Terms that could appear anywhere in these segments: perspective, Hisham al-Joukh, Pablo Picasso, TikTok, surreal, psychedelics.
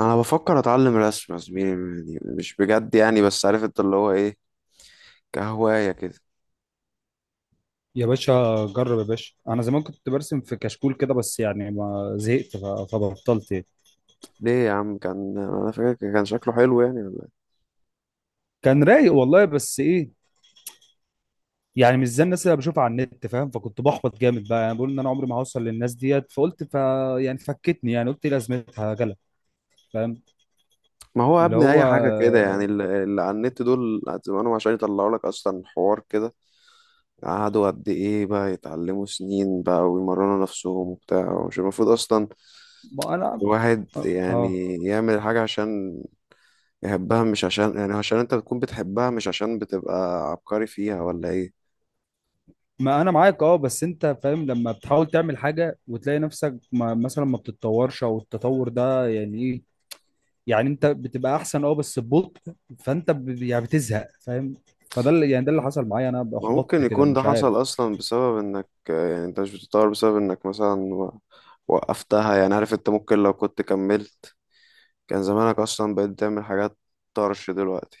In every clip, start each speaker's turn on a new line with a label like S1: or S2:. S1: انا بفكر اتعلم رسم يا زميلي، يعني مش بجد يعني، بس عارف انت اللي هو ايه، كهواية كده.
S2: يا باشا، جرب يا باشا، انا زمان كنت برسم في كشكول كده، بس يعني ما زهقت فبطلت يعني.
S1: ليه يا عم؟ كان انا فاكر كان شكله حلو يعني، ولا إيه؟
S2: كان رايق والله، بس ايه، يعني مش زي الناس اللي بشوفها على النت، فاهم؟ فكنت بحبط جامد بقى، يعني بقول ان انا عمري ما هوصل للناس ديت، فقلت يعني فكتني، يعني قلت إيه لازمتها جلا، فاهم؟
S1: ما هو يا
S2: اللي
S1: ابني
S2: هو
S1: اي حاجة كده يعني، اللي على النت دول زمانهم عشان يطلعوا لك اصلا حوار كده. قعدوا قد ايه بقى يتعلموا سنين بقى، ويمرنوا نفسهم وبتاع. مش المفروض اصلا
S2: ما انا
S1: الواحد
S2: اه
S1: يعني يعمل حاجة عشان يحبها، مش عشان يعني عشان انت بتكون بتحبها، مش عشان بتبقى عبقري فيها ولا ايه.
S2: ما انا معاك، اه بس انت فاهم لما بتحاول تعمل حاجه وتلاقي نفسك ما مثلا ما بتتطورش او التطور ده يعني ايه. يعني انت بتبقى احسن اه بس ببطء، فانت يعني بتزهق، فاهم؟ فده اللي يعني ده اللي حصل معايا، انا
S1: ما
S2: احبطت
S1: ممكن
S2: كده
S1: يكون ده
S2: مش
S1: حصل
S2: عارف.
S1: اصلا بسبب انك، يعني انت مش بتتطور بسبب انك مثلا وقفتها، يعني عارف انت؟ ممكن لو كنت كملت كان زمانك اصلا بقيت تعمل حاجات طرش دلوقتي.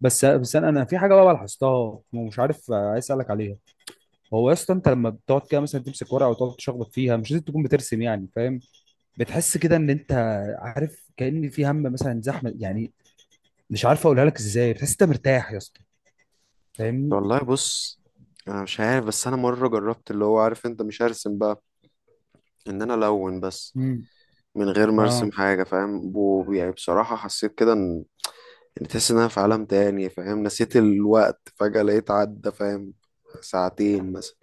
S2: بس انا في حاجه بقى لاحظتها ومش عارف، عايز اسالك عليها. هو يا اسطى، انت لما بتقعد كده مثلا تمسك ورقه وتقعد تشخبط فيها مش لازم تكون بترسم، يعني فاهم؟ بتحس كده ان انت عارف كأن في هم مثلا زحمه، يعني مش عارف اقولها لك ازاي، بتحس انت مرتاح يا اسطى، فاهمني؟
S1: والله بص، انا مش عارف، بس انا مره جربت، اللي هو عارف انت، مش هرسم بقى، ان انا الون بس
S2: امم،
S1: من غير ما ارسم
S2: اه،
S1: حاجه، فاهم؟ يعني بصراحه حسيت كده ان، يعني تحس ان انا في عالم تاني، فاهم؟ نسيت الوقت فجاه لقيت عدى، فاهم، ساعتين مثلا.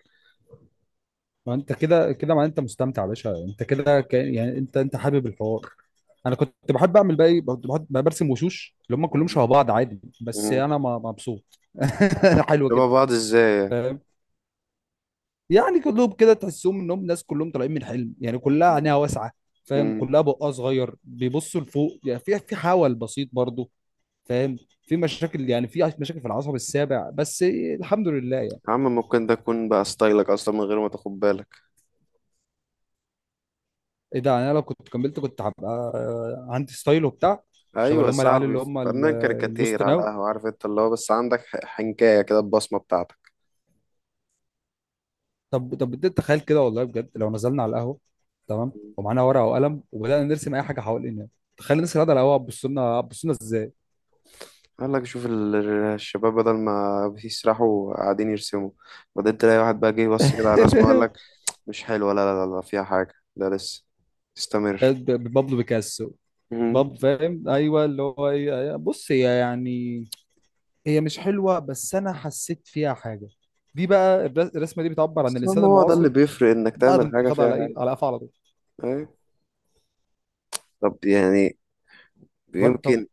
S2: ما انت كده كده ما انت مستمتع يا باشا، انت كده يعني انت انت حابب الحوار. انا كنت بحب اعمل بقى ايه، كنت بحب برسم وشوش اللي هم كلهم شبه بعض عادي، بس
S1: مم.
S2: انا مبسوط حلو كده.
S1: شبه بعض ازاي؟
S2: فاهم؟ يعني كلهم كده تحسهم انهم ناس كلهم طالعين من حلم، يعني كلها
S1: يعني.
S2: عينيها واسعه، فاهم؟
S1: مم.
S2: كلها بقها صغير، بيبصوا لفوق، يعني في حول بسيط برضو، فاهم؟ في مشاكل، يعني في مشاكل في العصب السابع، بس الحمد لله يعني.
S1: يا عم، ممكن ده يكون بقى ستايلك اصلا من غير ما تاخد بالك.
S2: ايه ده، انا لو كنت كملت كنت هبقى عندي ستايل وبتاع، شبه
S1: ايوه يا
S2: اللي هم العيال
S1: صاحبي.
S2: اللي هم
S1: فنان
S2: الوسط
S1: كاريكاتير على
S2: ناو.
S1: القهوه، عارف انت اللي هو، بس عندك حنكايه كده، البصمه بتاعتك.
S2: طب طب بديت تخيل كده، والله بجد، لو نزلنا على القهوه، تمام، ومعانا ورقه وقلم وبدانا نرسم اي حاجه حوالينا، تخيل الناس اللي قاعده على القهوه هتبص لنا، هتبص لنا ازاي؟
S1: قال لك، شوف الشباب بدل ما بيسرحوا قاعدين يرسموا. بعدين تلاقي واحد بقى جه بص كده على الرسمه وقال لك، مش حلوه، لا لا لا لا، فيها حاجه، ده لسه استمر.
S2: بابلو بيكاسو،
S1: مم.
S2: فاهم ايوه اللي هو ايه. أيوة. بص هي يعني هي مش حلوه، بس انا حسيت فيها حاجه. دي بقى الرسمه دي بتعبر عن
S1: بس المهم
S2: الانسان
S1: هو ده اللي
S2: المعاصر
S1: بيفرق، انك
S2: بعد
S1: تعمل
S2: ما
S1: حاجه
S2: خد
S1: فيها
S2: على ايه،
S1: حاجه.
S2: على قفا، على طول.
S1: أيوة. طب يعني،
S2: طب
S1: يمكن،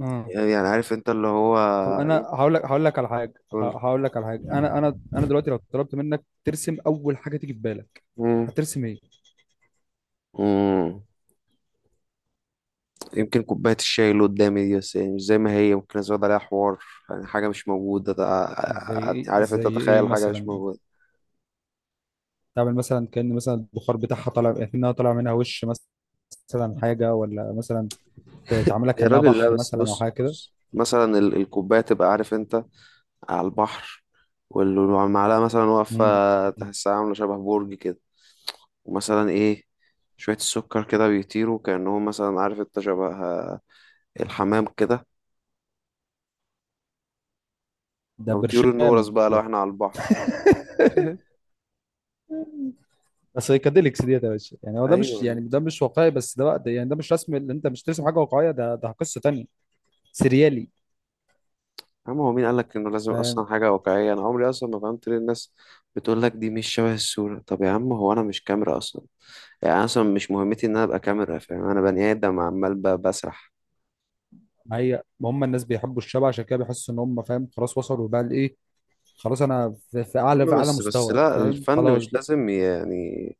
S2: آه.
S1: يعني عارف انت اللي هو،
S2: طب انا هقول لك على حاجه
S1: قول.
S2: هقول لك على حاجه، انا دلوقتي لو طلبت منك ترسم اول حاجه تيجي في بالك
S1: مم.
S2: هترسم ايه؟
S1: مم. يمكن كوباية الشاي اللي قدامي دي، بس يعني مش زي ما هي، ممكن أزود عليها حوار، يعني حاجة مش موجودة،
S2: زي ايه
S1: عارف أنت؟
S2: زي ايه
S1: تخيل حاجة مش
S2: مثلا؟
S1: موجودة.
S2: تعمل مثلا كأن مثلا البخار بتاعها طالع كأنها طالع منها وش مثلا، مثلا حاجه، ولا مثلا تعملها
S1: يا
S2: كأنها
S1: راجل لا،
S2: بحر
S1: بس
S2: مثلا او
S1: بص
S2: حاجه كده.
S1: بص، مثلا الكوباية تبقى، عارف أنت، على البحر، والمعلقة مثلا
S2: مم.
S1: واقفة، تحسها عاملة شبه برج كده، ومثلا إيه، شوية السكر كده بيطيروا كأنهم مثلا، عارف أنت، شبه الحمام كده،
S2: ده
S1: أو طيور
S2: برشام
S1: النورس بقى لو
S2: ده
S1: إحنا على البحر.
S2: سايكاديليكس ديت يا باشا، يعني هو ده مش،
S1: أيوه.
S2: يعني ده مش واقعي، بس ده بقى ده، يعني ده مش رسم اللي انت مش ترسم حاجه واقعيه، ده ده قصه تانيه. سريالي.
S1: عم، هو مين قالك انه لازم اصلا حاجة واقعية؟ انا عمري اصلا ما فهمت ليه الناس بتقول لك، دي مش شبه الصورة. طب يا عم، هو انا مش كاميرا اصلا، يعني أنا اصلا مش مهمتي ان انا ابقى كاميرا، فاهم؟ انا بني ادم عمال بسرح.
S2: ما هي ما هم الناس بيحبوا الشبه، عشان كده بيحسوا ان هم فاهم خلاص وصلوا بقى لايه. خلاص انا في، في
S1: يا
S2: اعلى في
S1: عم،
S2: اعلى
S1: بس
S2: مستوى،
S1: لا،
S2: فاهم؟
S1: الفن
S2: خلاص
S1: مش
S2: بقى.
S1: لازم يعني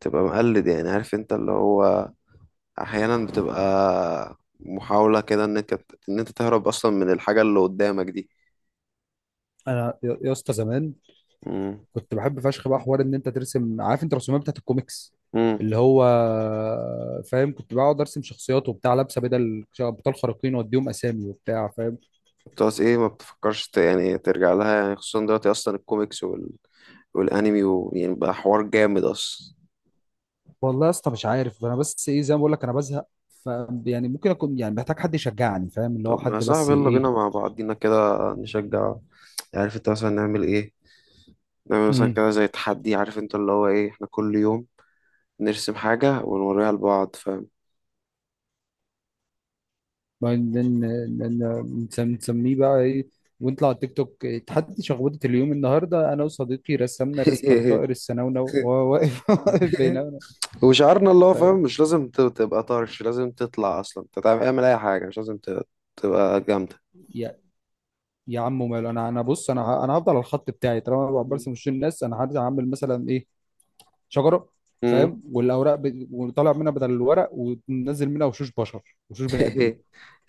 S1: تبقى مقلد، يعني عارف انت اللي هو، احيانا بتبقى محاولة كده ان انت تهرب اصلا من الحاجة اللي قدامك دي.
S2: انا يا اسطى زمان
S1: امم
S2: كنت بحب فشخ بقى حوار ان انت ترسم، عارف انت الرسومات بتاعت الكوميكس
S1: امم
S2: اللي هو فاهم؟ كنت بقعد ارسم شخصيات وبتاع لابسه بدل ابطال خارقين واديهم اسامي وبتاع، فاهم؟
S1: بتقعد ايه؟ ما بتفكرش يعني ترجع لها، يعني خصوصا دلوقتي اصلا الكوميكس والانمي، ويعني بقى حوار جامد اصلا.
S2: والله يا اسطى مش عارف، انا بس ايه، زي ما بقول لك انا بزهق. ف يعني ممكن اكون يعني محتاج حد يشجعني، فاهم؟ اللي هو
S1: طب ما يا
S2: حد، بس
S1: صاحبي، يلا بينا
S2: ايه.
S1: مع بعضينا كده نشجع. عارف انت، مثلا نعمل ايه، نعمل مثلا كده زي تحدي، عارف انت اللي هو ايه، احنا كل يوم نرسم حاجة ونوريها لبعض، فاهم؟
S2: بعدين نسميه بقى ايه؟ ونطلع على التيك توك، تحدي شخبطة اليوم. النهارده انا وصديقي رسمنا رسمه لطائر السنونو وهو واقف واقف بيننا.
S1: وشعارنا، اللي هو فاهم،
S2: ف...
S1: مش لازم تبقى طرش، لازم تطلع اصلا، انت اعمل اي حاجة، مش لازم تبقى جامدة.
S2: يا يا عم ماله، انا بص، انا هفضل على الخط بتاعي، طالما انا برسم وش الناس انا هرجع اعمل مثلا ايه، شجره، فاهم؟ والاوراق وطالع منها بدل الورق وننزل منها وشوش بشر، وشوش بني ادمين.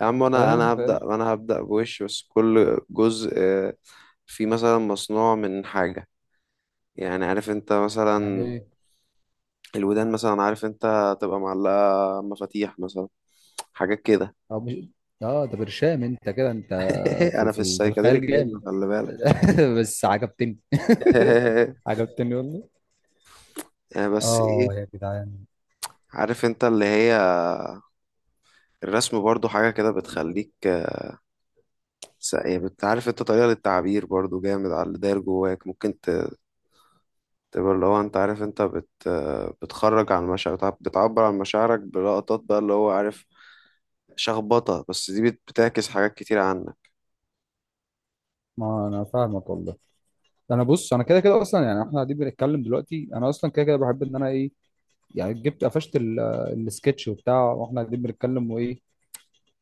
S1: يا عم، انا
S2: فاهم
S1: انا
S2: فاهم
S1: هبدأ انا هبدأ بوش، بس كل جزء فيه مثلا مصنوع من حاجة، يعني عارف انت،
S2: يعني
S1: مثلا
S2: ايه؟
S1: الودان مثلا، عارف انت، تبقى معلقة مفاتيح مثلا، حاجات كده.
S2: أو مش... اه ده برشام انت، كده انت في
S1: انا في
S2: في في
S1: السايكاديليك
S2: الخيال جامد
S1: منه، خلي بالك.
S2: بس عجبتني عجبتني والله.
S1: بس
S2: اه
S1: ايه،
S2: يا جدعان.
S1: عارف انت اللي هي، الرسم برضو حاجة كده بتخليك، عارف انت، طريقة للتعبير برضو جامد على اللي داير جواك، ممكن تبقى اللي هو، انت عارف انت بت بتخرج عن مشاعر بتعبر عن مشاعرك بلقطات بقى، اللي هو عارف، شخبطة بس دي بتعكس حاجات كتير عنك.
S2: ما انا فاهمك والله. انا بص، انا كده كده اصلا، يعني احنا قاعدين بنتكلم دلوقتي، انا اصلا كده كده بحب ان انا ايه، يعني جبت قفشت السكتش وبتاع واحنا قاعدين بنتكلم، وايه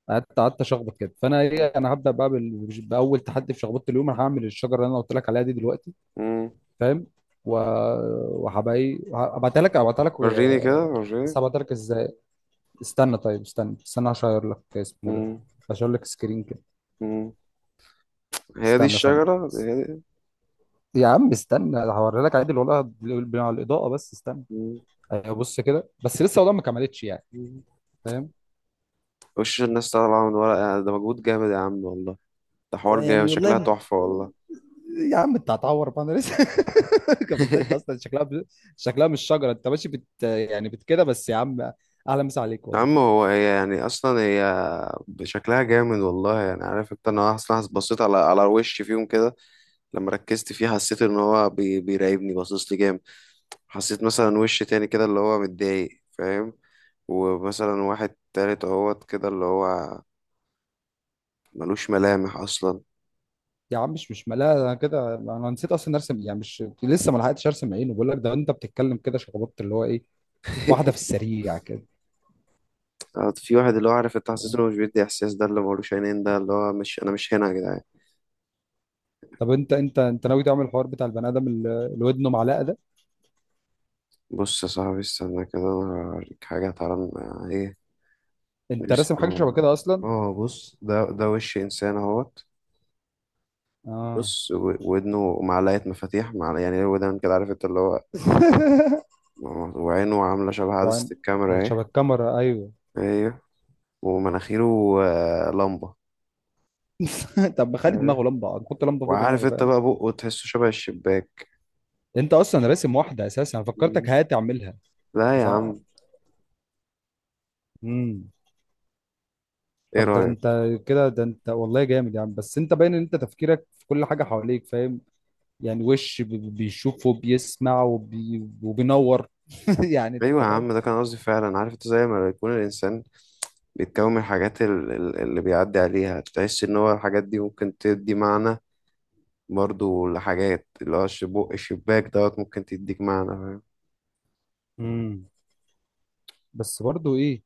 S2: قعدت اشخبط كده. فانا ايه، انا هبدا بقى باول تحدي في شخبطه اليوم. انا هعمل الشجره اللي انا قلت لك عليها دي دلوقتي،
S1: مم.
S2: فاهم؟ و- وهبقى ايه، هبعتها لك
S1: وريني كده،
S2: بس
S1: وريني.
S2: هبعتها لك ازاي؟ استنى طيب، استنى استنى عشان اغير لك اسمه ده،
S1: مم.
S2: عشان اغير لك سكرين كده.
S1: مم. هي دي
S2: استنى ثانية.
S1: الشجرة، هي دي.
S2: يا عم استنى هوري لك عادي والله على الإضاءة، بس استنى.
S1: مم.
S2: أيوة بص كده، بس لسه والله ما كملتش يعني،
S1: مم.
S2: فاهم؟
S1: وش الناس طالعة من ورق، يعني ده مجهود جامد يا عم والله. ده حوار جامد،
S2: يعني والله
S1: شكلها
S2: ما...
S1: تحفة والله.
S2: يا عم انت هتعور بقى، انا لسه ما كملتهاش، ده اصلا شكلها شكلها مش شجرة، انت ماشي يعني بت كده بس يا عم. اهلا مسا عليك
S1: يا عم،
S2: والله.
S1: هي يعني، أصلا هي شكلها جامد والله، يعني عارف انت، انا اصلا بصيت على وش فيهم كده، لما ركزت فيه حسيت ان هو بيراقبني، باصص لي جامد، حسيت مثلا وش تاني كده اللي هو متضايق، فاهم؟ ومثلا واحد تالت اهوت كده اللي هو ملوش ملامح اصلا.
S2: يا عم مش ملاها، انا كده انا نسيت اصلا ارسم، يعني مش لسه ما لحقتش ارسم عينه. بقول لك ده انت بتتكلم كده شخبطت اللي هو ايه، واحدة في السريع كده.
S1: في واحد، اللي هو عارف انت، حسيت
S2: تمام.
S1: انه مش بيدي احساس، ده اللي ملوش عينين، ده اللي هو، مش انا مش هنا يا جدعان.
S2: طب انت انت ناوي تعمل الحوار بتاع البني ادم اللي ودنه معلقه ده،
S1: بص يا صاحبي استنى كده، انا هوريك حاجه، تعالى ايه
S2: انت
S1: نرسم،
S2: راسم حاجه شبه كده اصلا؟
S1: اه بص، ده وش انسان اهوت،
S2: اه
S1: بص ودنه معلقه مفاتيح، مع يعني ودان كده، عارف انت اللي هو، وعينه عاملة شبه
S2: وعن
S1: عدسة الكاميرا اهي.
S2: شبه الكاميرا ايوه.
S1: ايوه. ومناخيره لمبة.
S2: طب ما خلي دماغه
S1: أيوة.
S2: لمبه، نحط لمبه فوق
S1: وعارف
S2: دماغه،
S1: انت
S2: فاهم؟
S1: بقى بقه تحسه شبه الشباك.
S2: انت اصلا راسم واحده اساسا، انا فكرتك
S1: مم.
S2: هتعملها.
S1: لا يا
S2: بس ع-
S1: عم.
S2: امم
S1: ايه
S2: طب ده
S1: رأيك؟
S2: انت كده، ده انت والله جامد، يعني بس انت باين ان انت تفكيرك في كل حاجه حواليك، فاهم؟ يعني وش بيشوف وبيسمع وبينور يعني
S1: ايوه يا
S2: انت فاهم.
S1: عم، ده كان قصدي فعلا، عارف انت، زي ما يكون الانسان بيتكون من الحاجات اللي بيعدي عليها، تحس ان هو الحاجات دي ممكن تدي معنى برضو لحاجات، اللي هو بق الشباك دوت ممكن تديك معنى.
S2: امم بس برضه ايه،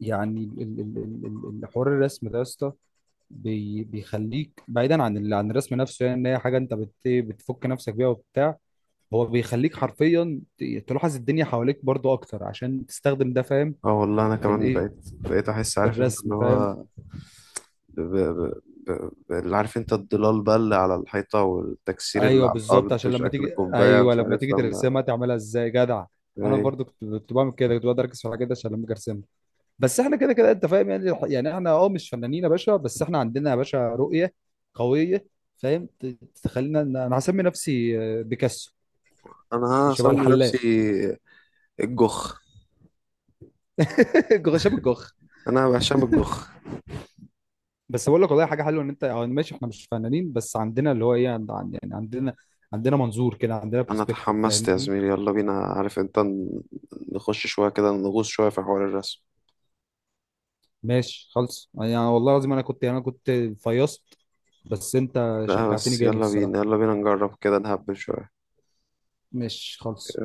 S2: يعني حوار الرسم ده يا اسطى بيخليك بعيدا عن عن الرسم نفسه، يعني ان هي حاجه انت بتفك نفسك بيها وبتاع. هو بيخليك حرفيا تلاحظ الدنيا حواليك برضو اكتر عشان تستخدم ده، فاهم؟
S1: اه والله انا
S2: في
S1: كمان
S2: الايه،
S1: بقيت احس،
S2: في
S1: عارف انت
S2: الرسم،
S1: اللي
S2: فاهم؟
S1: هو ب... ب... اللي، عارف انت، الضلال بقى اللي على الحيطة، والتكسير اللي
S2: ايوه
S1: على
S2: بالظبط،
S1: الارض،
S2: عشان لما
S1: شكل
S2: تيجي
S1: كوباية،
S2: ايوه،
S1: مش
S2: لما
S1: عارف
S2: تيجي
S1: لما
S2: ترسمها تعملها ازاي جدع. انا
S1: اي.
S2: برضو كنت بعمل كده، كنت بقدر اركز في الحاجات دي عشان لما اجي ارسمها. بس احنا كده كده انت فاهم، يعني احنا اه مش فنانين يا باشا، بس احنا عندنا يا باشا رؤية قوية، فاهم؟ تخلينا انا هسمي نفسي بيكاسو.
S1: انا
S2: شبه
S1: هسمي
S2: الحلاق
S1: نفسي الجخ،
S2: هشام الجوخ.
S1: انا هشام الجخ.
S2: بس بقول لك والله حاجة حلوة، ان انت اه ماشي احنا مش فنانين بس عندنا اللي هو ايه، يعني عندنا منظور كده، عندنا
S1: انا
S2: برسبكتيف،
S1: تحمست يا
S2: فاهمني؟
S1: زميلي، يلا بينا، عارف انت، نخش شوية كده، نغوص شوية في حوار الرسم
S2: ماشي خالص. يعني والله العظيم انا كنت فيصت، بس انت
S1: ده،
S2: شجعتني
S1: بس
S2: جامد
S1: يلا بينا،
S2: الصراحة.
S1: يلا بينا نجرب كده نهبل شوية.
S2: ماشي خالص.